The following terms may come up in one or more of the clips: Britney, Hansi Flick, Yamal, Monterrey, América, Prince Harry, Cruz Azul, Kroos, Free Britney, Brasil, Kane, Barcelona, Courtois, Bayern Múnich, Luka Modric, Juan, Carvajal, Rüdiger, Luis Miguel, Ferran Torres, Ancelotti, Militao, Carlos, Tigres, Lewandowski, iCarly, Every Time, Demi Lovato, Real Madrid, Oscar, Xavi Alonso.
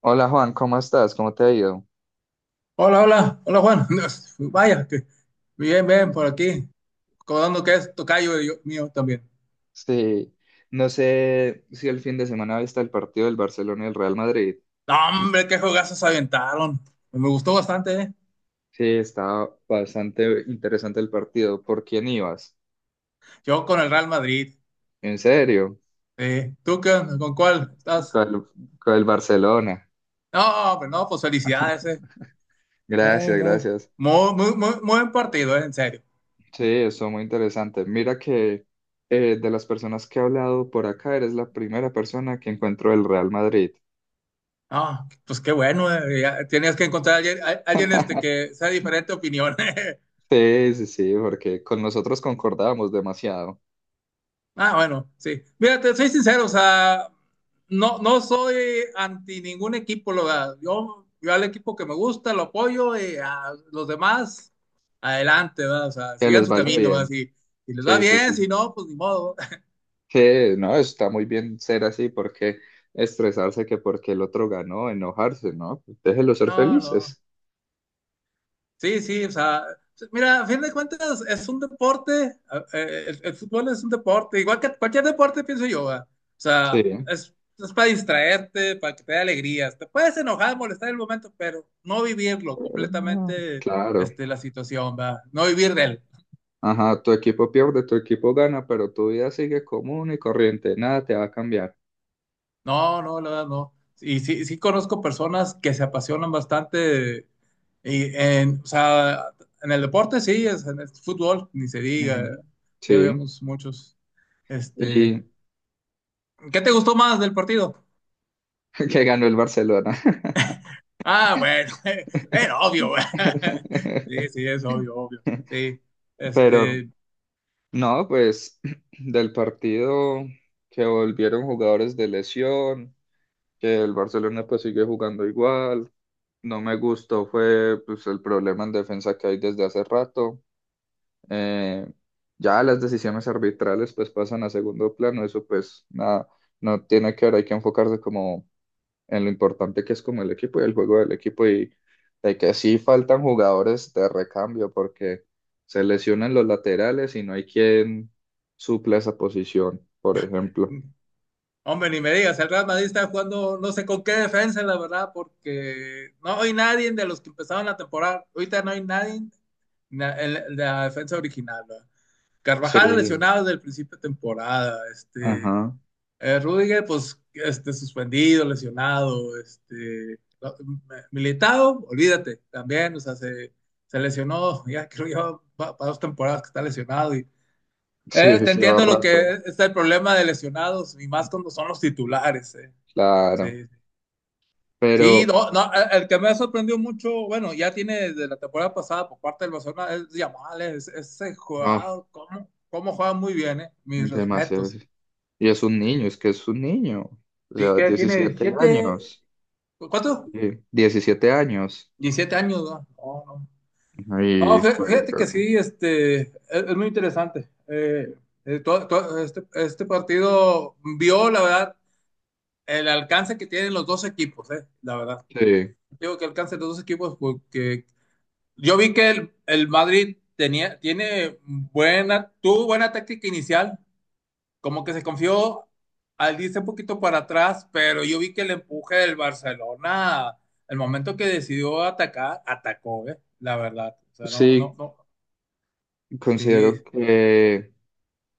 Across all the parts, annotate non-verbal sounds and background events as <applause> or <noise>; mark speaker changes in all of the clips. Speaker 1: Hola Juan, ¿cómo estás? ¿Cómo te ha ido?
Speaker 2: Hola, hola, hola Juan. <laughs> Vaya, que bien, bien, por aquí. Recordando que es tocayo mío también.
Speaker 1: Sí, no sé si el fin de semana viste el partido del Barcelona y el Real Madrid.
Speaker 2: No, hombre, qué jugazos se aventaron. Me gustó bastante, ¿eh?
Speaker 1: Sí, estaba bastante interesante el partido. ¿Por quién ibas?
Speaker 2: Yo con el Real Madrid.
Speaker 1: ¿En serio?
Speaker 2: Sí. ¿Tú qué onda? ¿Con cuál estás?
Speaker 1: Con el, con el Barcelona.
Speaker 2: No, hombre, no, pues felicidades, ¿eh? Muy,
Speaker 1: Gracias,
Speaker 2: muy,
Speaker 1: gracias.
Speaker 2: muy, muy, muy muy buen partido, ¿eh? En serio.
Speaker 1: Sí, eso muy interesante. Mira que de las personas que he hablado por acá, eres la primera persona que encuentro del Real Madrid.
Speaker 2: No, pues qué bueno, ¿eh? Ya tenías que encontrar a alguien, alguien que sea de diferente opinión. <laughs>
Speaker 1: Sí, sí, sí, porque con nosotros concordábamos demasiado.
Speaker 2: Ah, bueno, sí. Mira, te soy sincero, o sea, no, no soy anti ningún equipo, lo, yo al equipo que me gusta lo apoyo y a los demás, adelante, ¿verdad? O sea,
Speaker 1: Que
Speaker 2: sigan
Speaker 1: les
Speaker 2: su
Speaker 1: vaya
Speaker 2: camino, ¿verdad?
Speaker 1: bien.
Speaker 2: Si, si les va
Speaker 1: Sí, sí,
Speaker 2: bien, si
Speaker 1: sí.
Speaker 2: no, pues ni modo. <laughs>
Speaker 1: Sí, no, está muy bien ser así, porque estresarse que porque el otro ganó, enojarse, ¿no? Déjelo ser
Speaker 2: No, no.
Speaker 1: felices.
Speaker 2: Sí, sí, o sea, mira, a fin de cuentas es un deporte, el fútbol es un deporte, igual que cualquier deporte, pienso yo, ¿va? O sea,
Speaker 1: Sí,
Speaker 2: es para distraerte, para que te dé alegrías. Te puedes enojar, molestar en el momento, pero no vivirlo
Speaker 1: pero no,
Speaker 2: completamente,
Speaker 1: claro.
Speaker 2: la situación, ¿va? No vivir de él.
Speaker 1: Ajá, tu equipo pierde, tu equipo gana, pero tu vida sigue común y corriente, nada te va a cambiar.
Speaker 2: No, no, la verdad no. Y sí, sí conozco personas que se apasionan bastante y en, o sea, en el deporte sí, es, en el fútbol, ni se diga.
Speaker 1: Ujú.
Speaker 2: Sí,
Speaker 1: Sí,
Speaker 2: habíamos muchos. Este,
Speaker 1: y
Speaker 2: ¿Qué te gustó más del partido?
Speaker 1: <laughs> que ganó el Barcelona.
Speaker 2: Ah, bueno, <laughs> era obvio, güey. <laughs> Sí, sí,
Speaker 1: <laughs>
Speaker 2: es obvio, obvio. Sí.
Speaker 1: Pero
Speaker 2: Este,
Speaker 1: no, pues <clears throat> del partido que volvieron jugadores de lesión. Que el Barcelona pues sigue jugando igual. No me gustó fue pues el problema en defensa que hay desde hace rato. Eh, ya las decisiones arbitrales pues pasan a segundo plano, eso pues nada, no tiene que ver, hay que enfocarse como en lo importante que es como el equipo y el juego del equipo y de que sí faltan jugadores de recambio porque se lesionan los laterales y no hay quien suple esa posición, por ejemplo.
Speaker 2: hombre, ni me digas, el Real Madrid está jugando no sé con qué defensa, la verdad, porque no hay nadie de los que empezaron la temporada. Ahorita no hay nadie en la defensa original, ¿verdad? Carvajal
Speaker 1: Sí,
Speaker 2: lesionado desde el principio de temporada,
Speaker 1: ajá,
Speaker 2: Rüdiger, pues, suspendido, lesionado, Militao, olvídate, también, o sea, se lesionó, <laughs> ya creo yo, para dos temporadas que está lesionado y
Speaker 1: sí,
Speaker 2: te
Speaker 1: sí, lleva
Speaker 2: entiendo lo que
Speaker 1: rato.
Speaker 2: es el problema de lesionados y más cuando son los titulares, eh.
Speaker 1: Claro,
Speaker 2: Sí, sí,
Speaker 1: pero
Speaker 2: no, no, el que me ha sorprendido mucho, bueno, ya tiene desde la temporada pasada por parte del Barcelona, es Yamal, ese
Speaker 1: ah,
Speaker 2: jugador, cómo, cómo juega muy bien, mis
Speaker 1: demasiado.
Speaker 2: respetos.
Speaker 1: Y es un niño, es que es un niño, o
Speaker 2: Sí
Speaker 1: sea,
Speaker 2: que tiene
Speaker 1: 17
Speaker 2: 17,
Speaker 1: años,
Speaker 2: ¿cuánto?
Speaker 1: sí, 17 años.
Speaker 2: 17 años, ¿no? No, no.
Speaker 1: Y
Speaker 2: No, fíjate que
Speaker 1: juega.
Speaker 2: sí, es muy interesante. Todo este partido vio, la verdad, el alcance que tienen los dos equipos, la verdad.
Speaker 1: Sí,
Speaker 2: Digo que alcance los dos equipos porque yo vi que el Madrid tenía, tiene buena, tuvo buena táctica inicial, como que se confió al irse un poquito para atrás, pero yo vi que el empuje del Barcelona, el momento que decidió atacar, atacó, ¿eh? La verdad. O sea, no, no,
Speaker 1: sí,
Speaker 2: no.
Speaker 1: considero
Speaker 2: Sí,
Speaker 1: que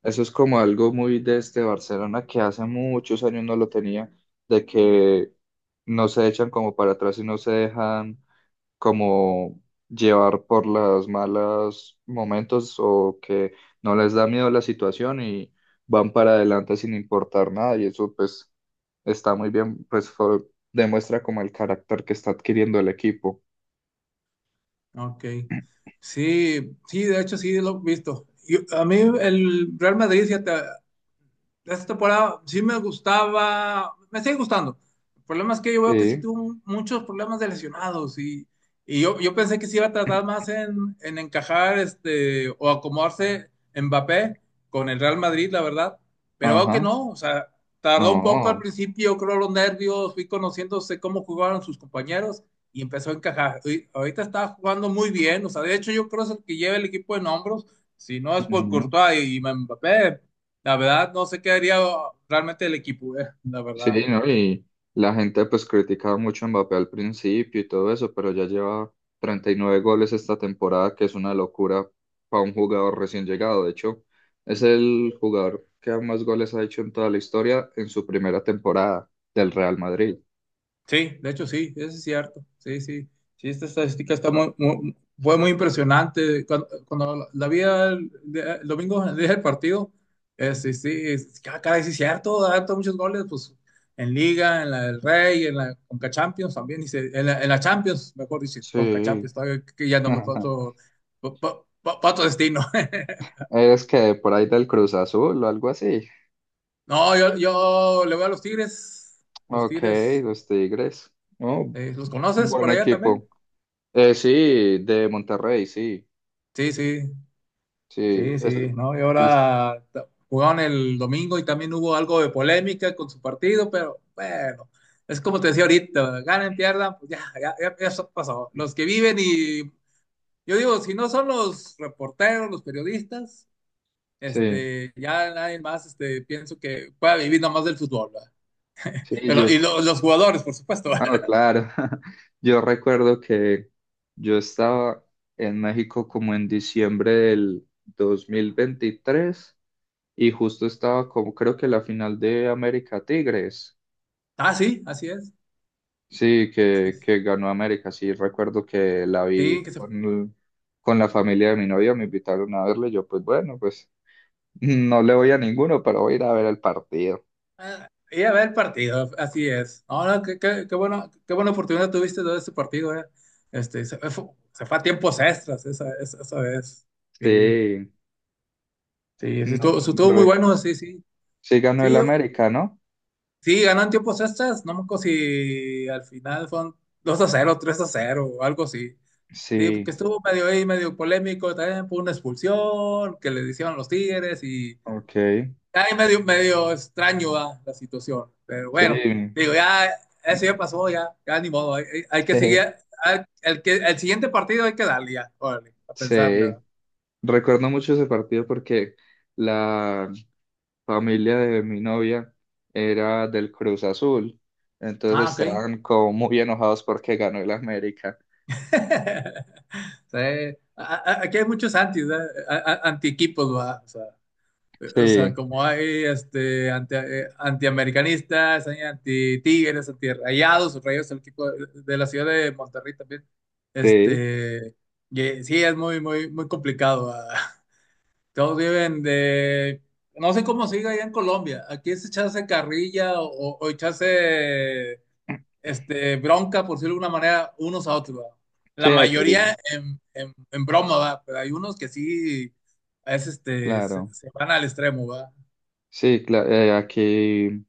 Speaker 1: eso es como algo muy de este Barcelona que hace muchos años no lo tenía, de que no se echan como para atrás y no se dejan como llevar por las malas momentos o que no les da miedo la situación y van para adelante sin importar nada y eso pues está muy bien, demuestra como el carácter que está adquiriendo el equipo.
Speaker 2: ok. Sí, sí, de hecho sí lo he visto. A mí el Real Madrid, fíjate, esta temporada sí me gustaba, me sigue gustando. El problema es que yo veo que sí
Speaker 1: Sí,
Speaker 2: tuvo muchos problemas de lesionados y, y yo pensé que sí iba a tratar más en, encajar o acomodarse Mbappé con el Real Madrid, la verdad. Pero veo que
Speaker 1: ajá,
Speaker 2: no, o sea, tardó un poco al
Speaker 1: no,
Speaker 2: principio, creo los nervios, fui conociéndose cómo jugaban sus compañeros y empezó a encajar. Y ahorita está jugando muy bien, o sea, de hecho yo creo que es el que lleva el equipo en hombros, si no es por
Speaker 1: ujú.
Speaker 2: Courtois y Mbappé, la verdad, no sé qué haría realmente el equipo, la
Speaker 1: Sí,
Speaker 2: verdad.
Speaker 1: ¿no? Y la gente pues criticaba mucho a Mbappé al principio y todo eso, pero ya lleva 39 goles esta temporada, que es una locura para un jugador recién llegado. De hecho, es el jugador que más goles ha hecho en toda la historia en su primera temporada del Real Madrid.
Speaker 2: Sí, de hecho sí, eso es cierto. Sí, sí. Sí, esta estadística está fue muy impresionante. Cuando la vi el, el domingo, el día del partido, sí, sí, ah, caray, sí es cierto, ha dado muchos goles, pues en Liga, en la del Rey, en la Conca Champions también, en la, Champions, mejor dice Conca
Speaker 1: Sí.
Speaker 2: Champions, todavía que ya no me
Speaker 1: <laughs>
Speaker 2: pato, pato destino. <laughs>
Speaker 1: ¿Eres que por ahí del Cruz Azul o algo así?
Speaker 2: No, yo le voy a los Tigres, los
Speaker 1: Ok,
Speaker 2: Tigres.
Speaker 1: los Tigres. Oh,
Speaker 2: ¿Los
Speaker 1: un
Speaker 2: conoces
Speaker 1: buen
Speaker 2: por allá también?
Speaker 1: equipo. Sí, de Monterrey, sí.
Speaker 2: Sí, sí,
Speaker 1: Sí,
Speaker 2: sí,
Speaker 1: es-
Speaker 2: sí, ¿no? Y
Speaker 1: es-
Speaker 2: ahora jugaron el domingo y también hubo algo de polémica con su partido, pero bueno, es como te decía ahorita, ganen, pierdan, pues ya, ya, ya, ya eso pasó. Los que viven y yo digo, si no son los reporteros, los periodistas,
Speaker 1: sí.
Speaker 2: ya nadie más, pienso que pueda vivir nomás del fútbol, ¿verdad?
Speaker 1: Sí, yo,
Speaker 2: Y los jugadores, por supuesto.
Speaker 1: ah,
Speaker 2: <laughs>
Speaker 1: claro. <laughs> Yo recuerdo que yo estaba en México como en diciembre del 2023 y justo estaba como creo que la final de América Tigres.
Speaker 2: Ah, sí, así es.
Speaker 1: Sí,
Speaker 2: Sí,
Speaker 1: que ganó América. Sí, recuerdo que la vi
Speaker 2: sí, que se.
Speaker 1: con la familia de mi novia, me invitaron a verle. Yo, pues bueno, pues <laughs> no le voy a ninguno, pero voy a ir a ver el partido.
Speaker 2: Ah, y a ver el partido, así es. No, no, qué, qué, qué bueno, qué buena oportunidad tuviste de ese partido, eh. Este, se, fue, se fue a tiempos extras esa vez. Sí,
Speaker 1: Sí,
Speaker 2: sí,
Speaker 1: no,
Speaker 2: sí, estuvo muy
Speaker 1: re-
Speaker 2: bueno, sí, sí.
Speaker 1: sí ganó el
Speaker 2: Sí,
Speaker 1: América, ¿no?
Speaker 2: sí, ganó en tiempos extras, no me acuerdo si al final fueron 2-0 3-0 o algo así. Sí, porque
Speaker 1: Sí,
Speaker 2: estuvo medio ahí, medio polémico también por una expulsión que le hicieron los Tigres y
Speaker 1: ok.
Speaker 2: está ahí medio, medio extraño, ¿verdad?, la situación. Pero
Speaker 1: Sí,
Speaker 2: bueno, digo, ya eso ya pasó, ya, ya ni modo. Hay, hay que
Speaker 1: sí,
Speaker 2: seguir. El siguiente partido hay que darle ya, órale, a pensarle,
Speaker 1: sí.
Speaker 2: ¿verdad?
Speaker 1: Recuerdo mucho ese partido porque la familia de mi novia era del Cruz Azul, entonces
Speaker 2: Ah, ok.
Speaker 1: estaban como muy enojados porque ganó el América.
Speaker 2: <laughs> Sí. Aquí hay muchos anti, ¿verdad? Anti-equipos, ¿verdad? O sea,
Speaker 1: Sí,
Speaker 2: como hay anti, antiamericanistas, hay anti-tigres, anti-rayados, rayos el equipo de, la ciudad de Monterrey también.
Speaker 1: sí,
Speaker 2: Este, y sí, es muy, muy, muy complicado. Ah. <laughs> Todos viven de... No sé cómo sigue allá en Colombia. Aquí es echarse carrilla o, echarse bronca, por decirlo de alguna manera, unos a otros, ¿verdad?
Speaker 1: sí,
Speaker 2: La
Speaker 1: aquí,
Speaker 2: mayoría en, en broma, ¿verdad? Pero hay unos que sí se,
Speaker 1: claro.
Speaker 2: se van al extremo, va.
Speaker 1: Aquí.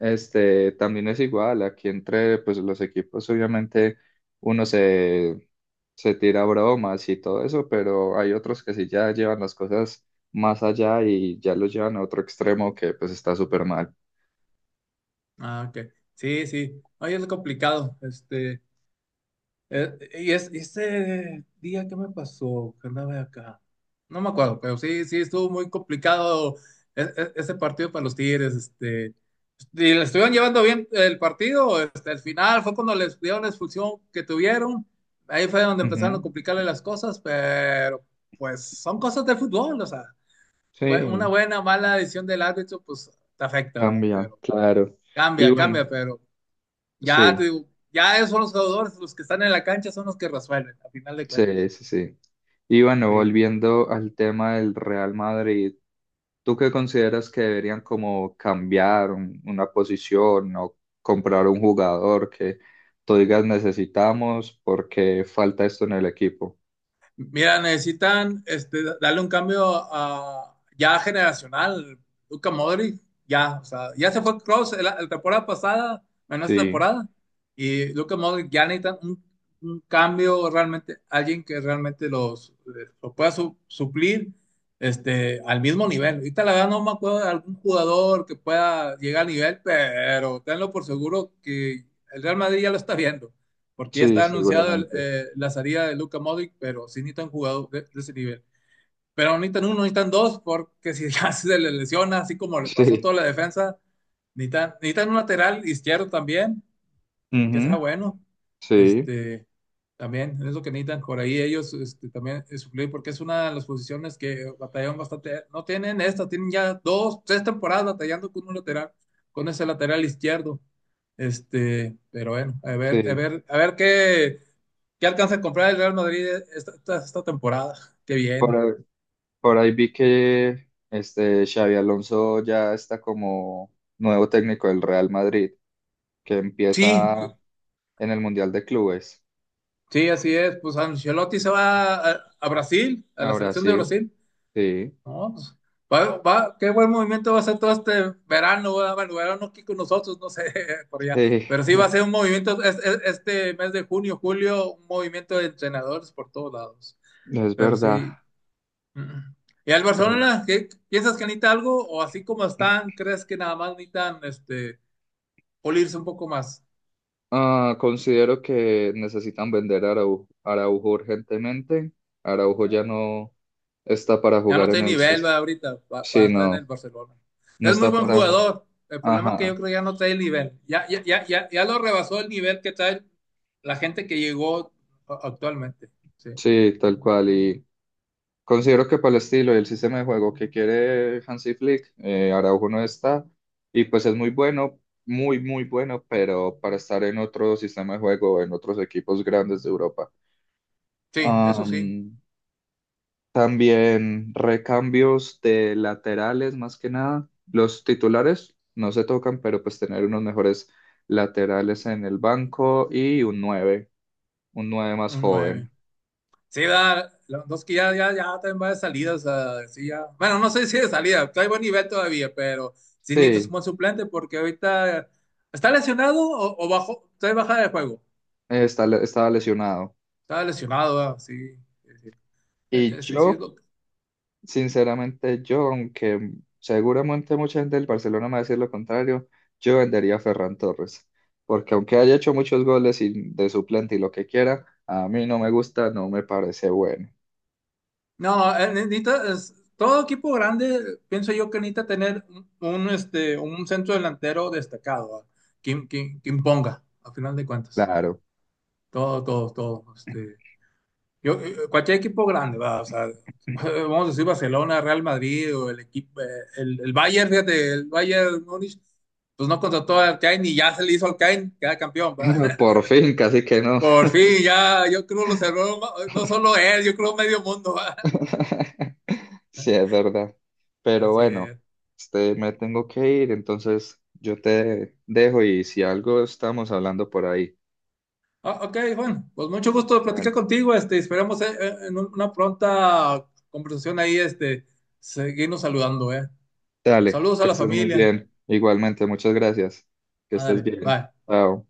Speaker 1: Este, también es igual, aquí entre pues los equipos obviamente uno se tira bromas y todo eso, pero hay otros que sí ya llevan las cosas más allá y ya lo llevan a otro extremo que pues está súper mal.
Speaker 2: Ah, ok. Sí, sí. Ay, es complicado. Y ese día que me pasó, que andaba acá. No me acuerdo, pero sí, sí, estuvo muy complicado ese partido para los Tigres. Y le estuvieron llevando bien el partido. Al final fue cuando les dieron la expulsión que tuvieron. Ahí fue donde empezaron a
Speaker 1: Ujú.
Speaker 2: complicarle las cosas, pero pues son cosas del fútbol. O sea, fue una
Speaker 1: Sí,
Speaker 2: buena, mala decisión del árbitro, pues te afecta,
Speaker 1: cambia,
Speaker 2: pero
Speaker 1: claro. Y
Speaker 2: cambia,
Speaker 1: bueno,
Speaker 2: cambia, pero. Ya,
Speaker 1: sí.
Speaker 2: te digo, ya esos son los jugadores, los que están en la cancha son los que resuelven, a final de cuentas.
Speaker 1: Sí, sí, sí. Y bueno,
Speaker 2: Sí.
Speaker 1: volviendo al tema del Real Madrid, ¿tú qué consideras que deberían como cambiar una posición o comprar un jugador que tú digas necesitamos porque falta esto en el equipo?
Speaker 2: Mira, necesitan darle un cambio a, ya generacional. Luka Modric, ya, o sea, ya se fue Kroos la, temporada pasada, menos esta
Speaker 1: Sí,
Speaker 2: temporada. Y Luka Modric ya necesitan un cambio realmente, alguien que realmente los, lo pueda suplir al mismo nivel. Ahorita la verdad no me acuerdo de algún jugador que pueda llegar al nivel, pero tenlo por seguro que el Real Madrid ya lo está viendo porque ya
Speaker 1: sí,
Speaker 2: está anunciada
Speaker 1: seguramente.
Speaker 2: la salida de Luka Modric, pero sí necesitan jugadores de, ese nivel. Pero no necesitan uno, necesitan dos, porque <laughs> si ya se le lesiona, así como le
Speaker 1: <laughs>
Speaker 2: pasó
Speaker 1: Sí,
Speaker 2: toda la defensa, necesitan un lateral izquierdo también, que sea
Speaker 1: ujú,
Speaker 2: bueno.
Speaker 1: sí,
Speaker 2: Este, también es lo que necesitan por ahí ellos también suplir, porque es una de las posiciones que batallaron bastante. No tienen tienen ya dos, tres temporadas batallando con un lateral, con ese lateral izquierdo. Pero bueno, a ver, a
Speaker 1: sí.
Speaker 2: ver, a ver qué. ¿Qué alcanza a comprar el Real Madrid esta temporada? Qué
Speaker 1: Por,
Speaker 2: bien.
Speaker 1: ahí por ahí vi que este Xavi Alonso ya está como nuevo técnico del Real Madrid. Que
Speaker 2: Sí,
Speaker 1: empieza en el Mundial de Clubes
Speaker 2: sí, así es. Pues Ancelotti se va a, Brasil, a
Speaker 1: a
Speaker 2: la selección de
Speaker 1: Brasil.
Speaker 2: Brasil.
Speaker 1: Sí,
Speaker 2: No, pues, va, qué buen movimiento va a ser todo este verano, ¿verdad? Bueno, verano aquí con nosotros, no sé, <laughs> por
Speaker 1: <laughs>
Speaker 2: allá.
Speaker 1: sí,
Speaker 2: Pero sí va a ser un movimiento este mes de junio, julio, un movimiento de entrenadores por todos lados.
Speaker 1: es
Speaker 2: Pero
Speaker 1: verdad.
Speaker 2: sí. Mm. ¿Y al
Speaker 1: Pero,
Speaker 2: Barcelona, qué, piensas que necesita algo? ¿O así como están, crees que nada más necesitan pulirse un poco más?
Speaker 1: ah, considero que necesitan vender a Araujo, Araujo urgentemente. Araujo ya no está para
Speaker 2: Ya no
Speaker 1: jugar
Speaker 2: está
Speaker 1: en
Speaker 2: tiene
Speaker 1: el...
Speaker 2: nivel, va, ahorita, para
Speaker 1: Sí,
Speaker 2: estar en
Speaker 1: no,
Speaker 2: el Barcelona.
Speaker 1: no
Speaker 2: Es muy
Speaker 1: está
Speaker 2: buen
Speaker 1: para...
Speaker 2: jugador. El problema es que yo
Speaker 1: Ajá,
Speaker 2: creo que ya no trae el nivel. Ya, ya, ya, ya, ya lo rebasó el nivel que trae la gente que llegó actualmente. Sí,
Speaker 1: sí, tal cual. Y considero que para el estilo y el sistema de juego que quiere Hansi Flick, Araujo no está, y pues es muy bueno, muy, muy bueno, pero para estar en otro sistema de juego, en otros equipos grandes de Europa.
Speaker 2: sí, eso sí,
Speaker 1: Am, también recambios de laterales, más que nada. Los titulares no se tocan, pero pues tener unos mejores laterales en el banco y un nueve más
Speaker 2: un nueve.
Speaker 1: joven.
Speaker 2: Sí, Lewandowski ya, ya, ya también va de salida. O sea, sí, ya. Bueno, no sé si de salida, trae buen nivel todavía, pero sí necesitas un
Speaker 1: Sí,
Speaker 2: buen suplente porque ahorita está lesionado o, bajó, trae bajada de juego.
Speaker 1: está, estaba lesionado.
Speaker 2: Está lesionado, ah, sí. Sí, sí.
Speaker 1: Y
Speaker 2: Sí, sí, es
Speaker 1: yo
Speaker 2: lo-.
Speaker 1: sinceramente, yo, aunque seguramente mucha gente del Barcelona me va a decir lo contrario, yo vendería a Ferran Torres, porque aunque haya hecho muchos goles y de suplente y lo que quiera, a mí no me gusta, no me parece bueno.
Speaker 2: No, necesita, todo equipo grande, pienso yo que necesita tener un centro delantero destacado, ¿va? Que, que imponga, a final de cuentas.
Speaker 1: Claro,
Speaker 2: Todo, todo, todo. Cualquier equipo grande, ¿va? O sea, <laughs> vamos a decir Barcelona, Real Madrid o el equipo, el Bayern, fíjate, el Bayern Múnich, pues no contrató a Kane y ya se le hizo al Kane, queda campeón, ¿va?
Speaker 1: <laughs> por fin, casi que
Speaker 2: <laughs>
Speaker 1: no.
Speaker 2: Por fin, ya, yo creo lo cerró, no solo él, yo creo medio mundo, ¿va? <laughs>
Speaker 1: <laughs> Sí, es verdad. Pero
Speaker 2: Así
Speaker 1: bueno,
Speaker 2: es.
Speaker 1: este, me tengo que ir, entonces yo te dejo y si algo estamos hablando por ahí.
Speaker 2: Ah, ok, Juan, pues mucho gusto de platicar
Speaker 1: Dale.
Speaker 2: contigo, esperamos en una pronta conversación ahí, seguirnos saludando, ¿eh?
Speaker 1: Dale,
Speaker 2: Saludos a
Speaker 1: que
Speaker 2: la
Speaker 1: estés muy
Speaker 2: familia.
Speaker 1: bien. Igualmente, muchas gracias. Que estés
Speaker 2: Ándale,
Speaker 1: bien.
Speaker 2: bye.
Speaker 1: Chao.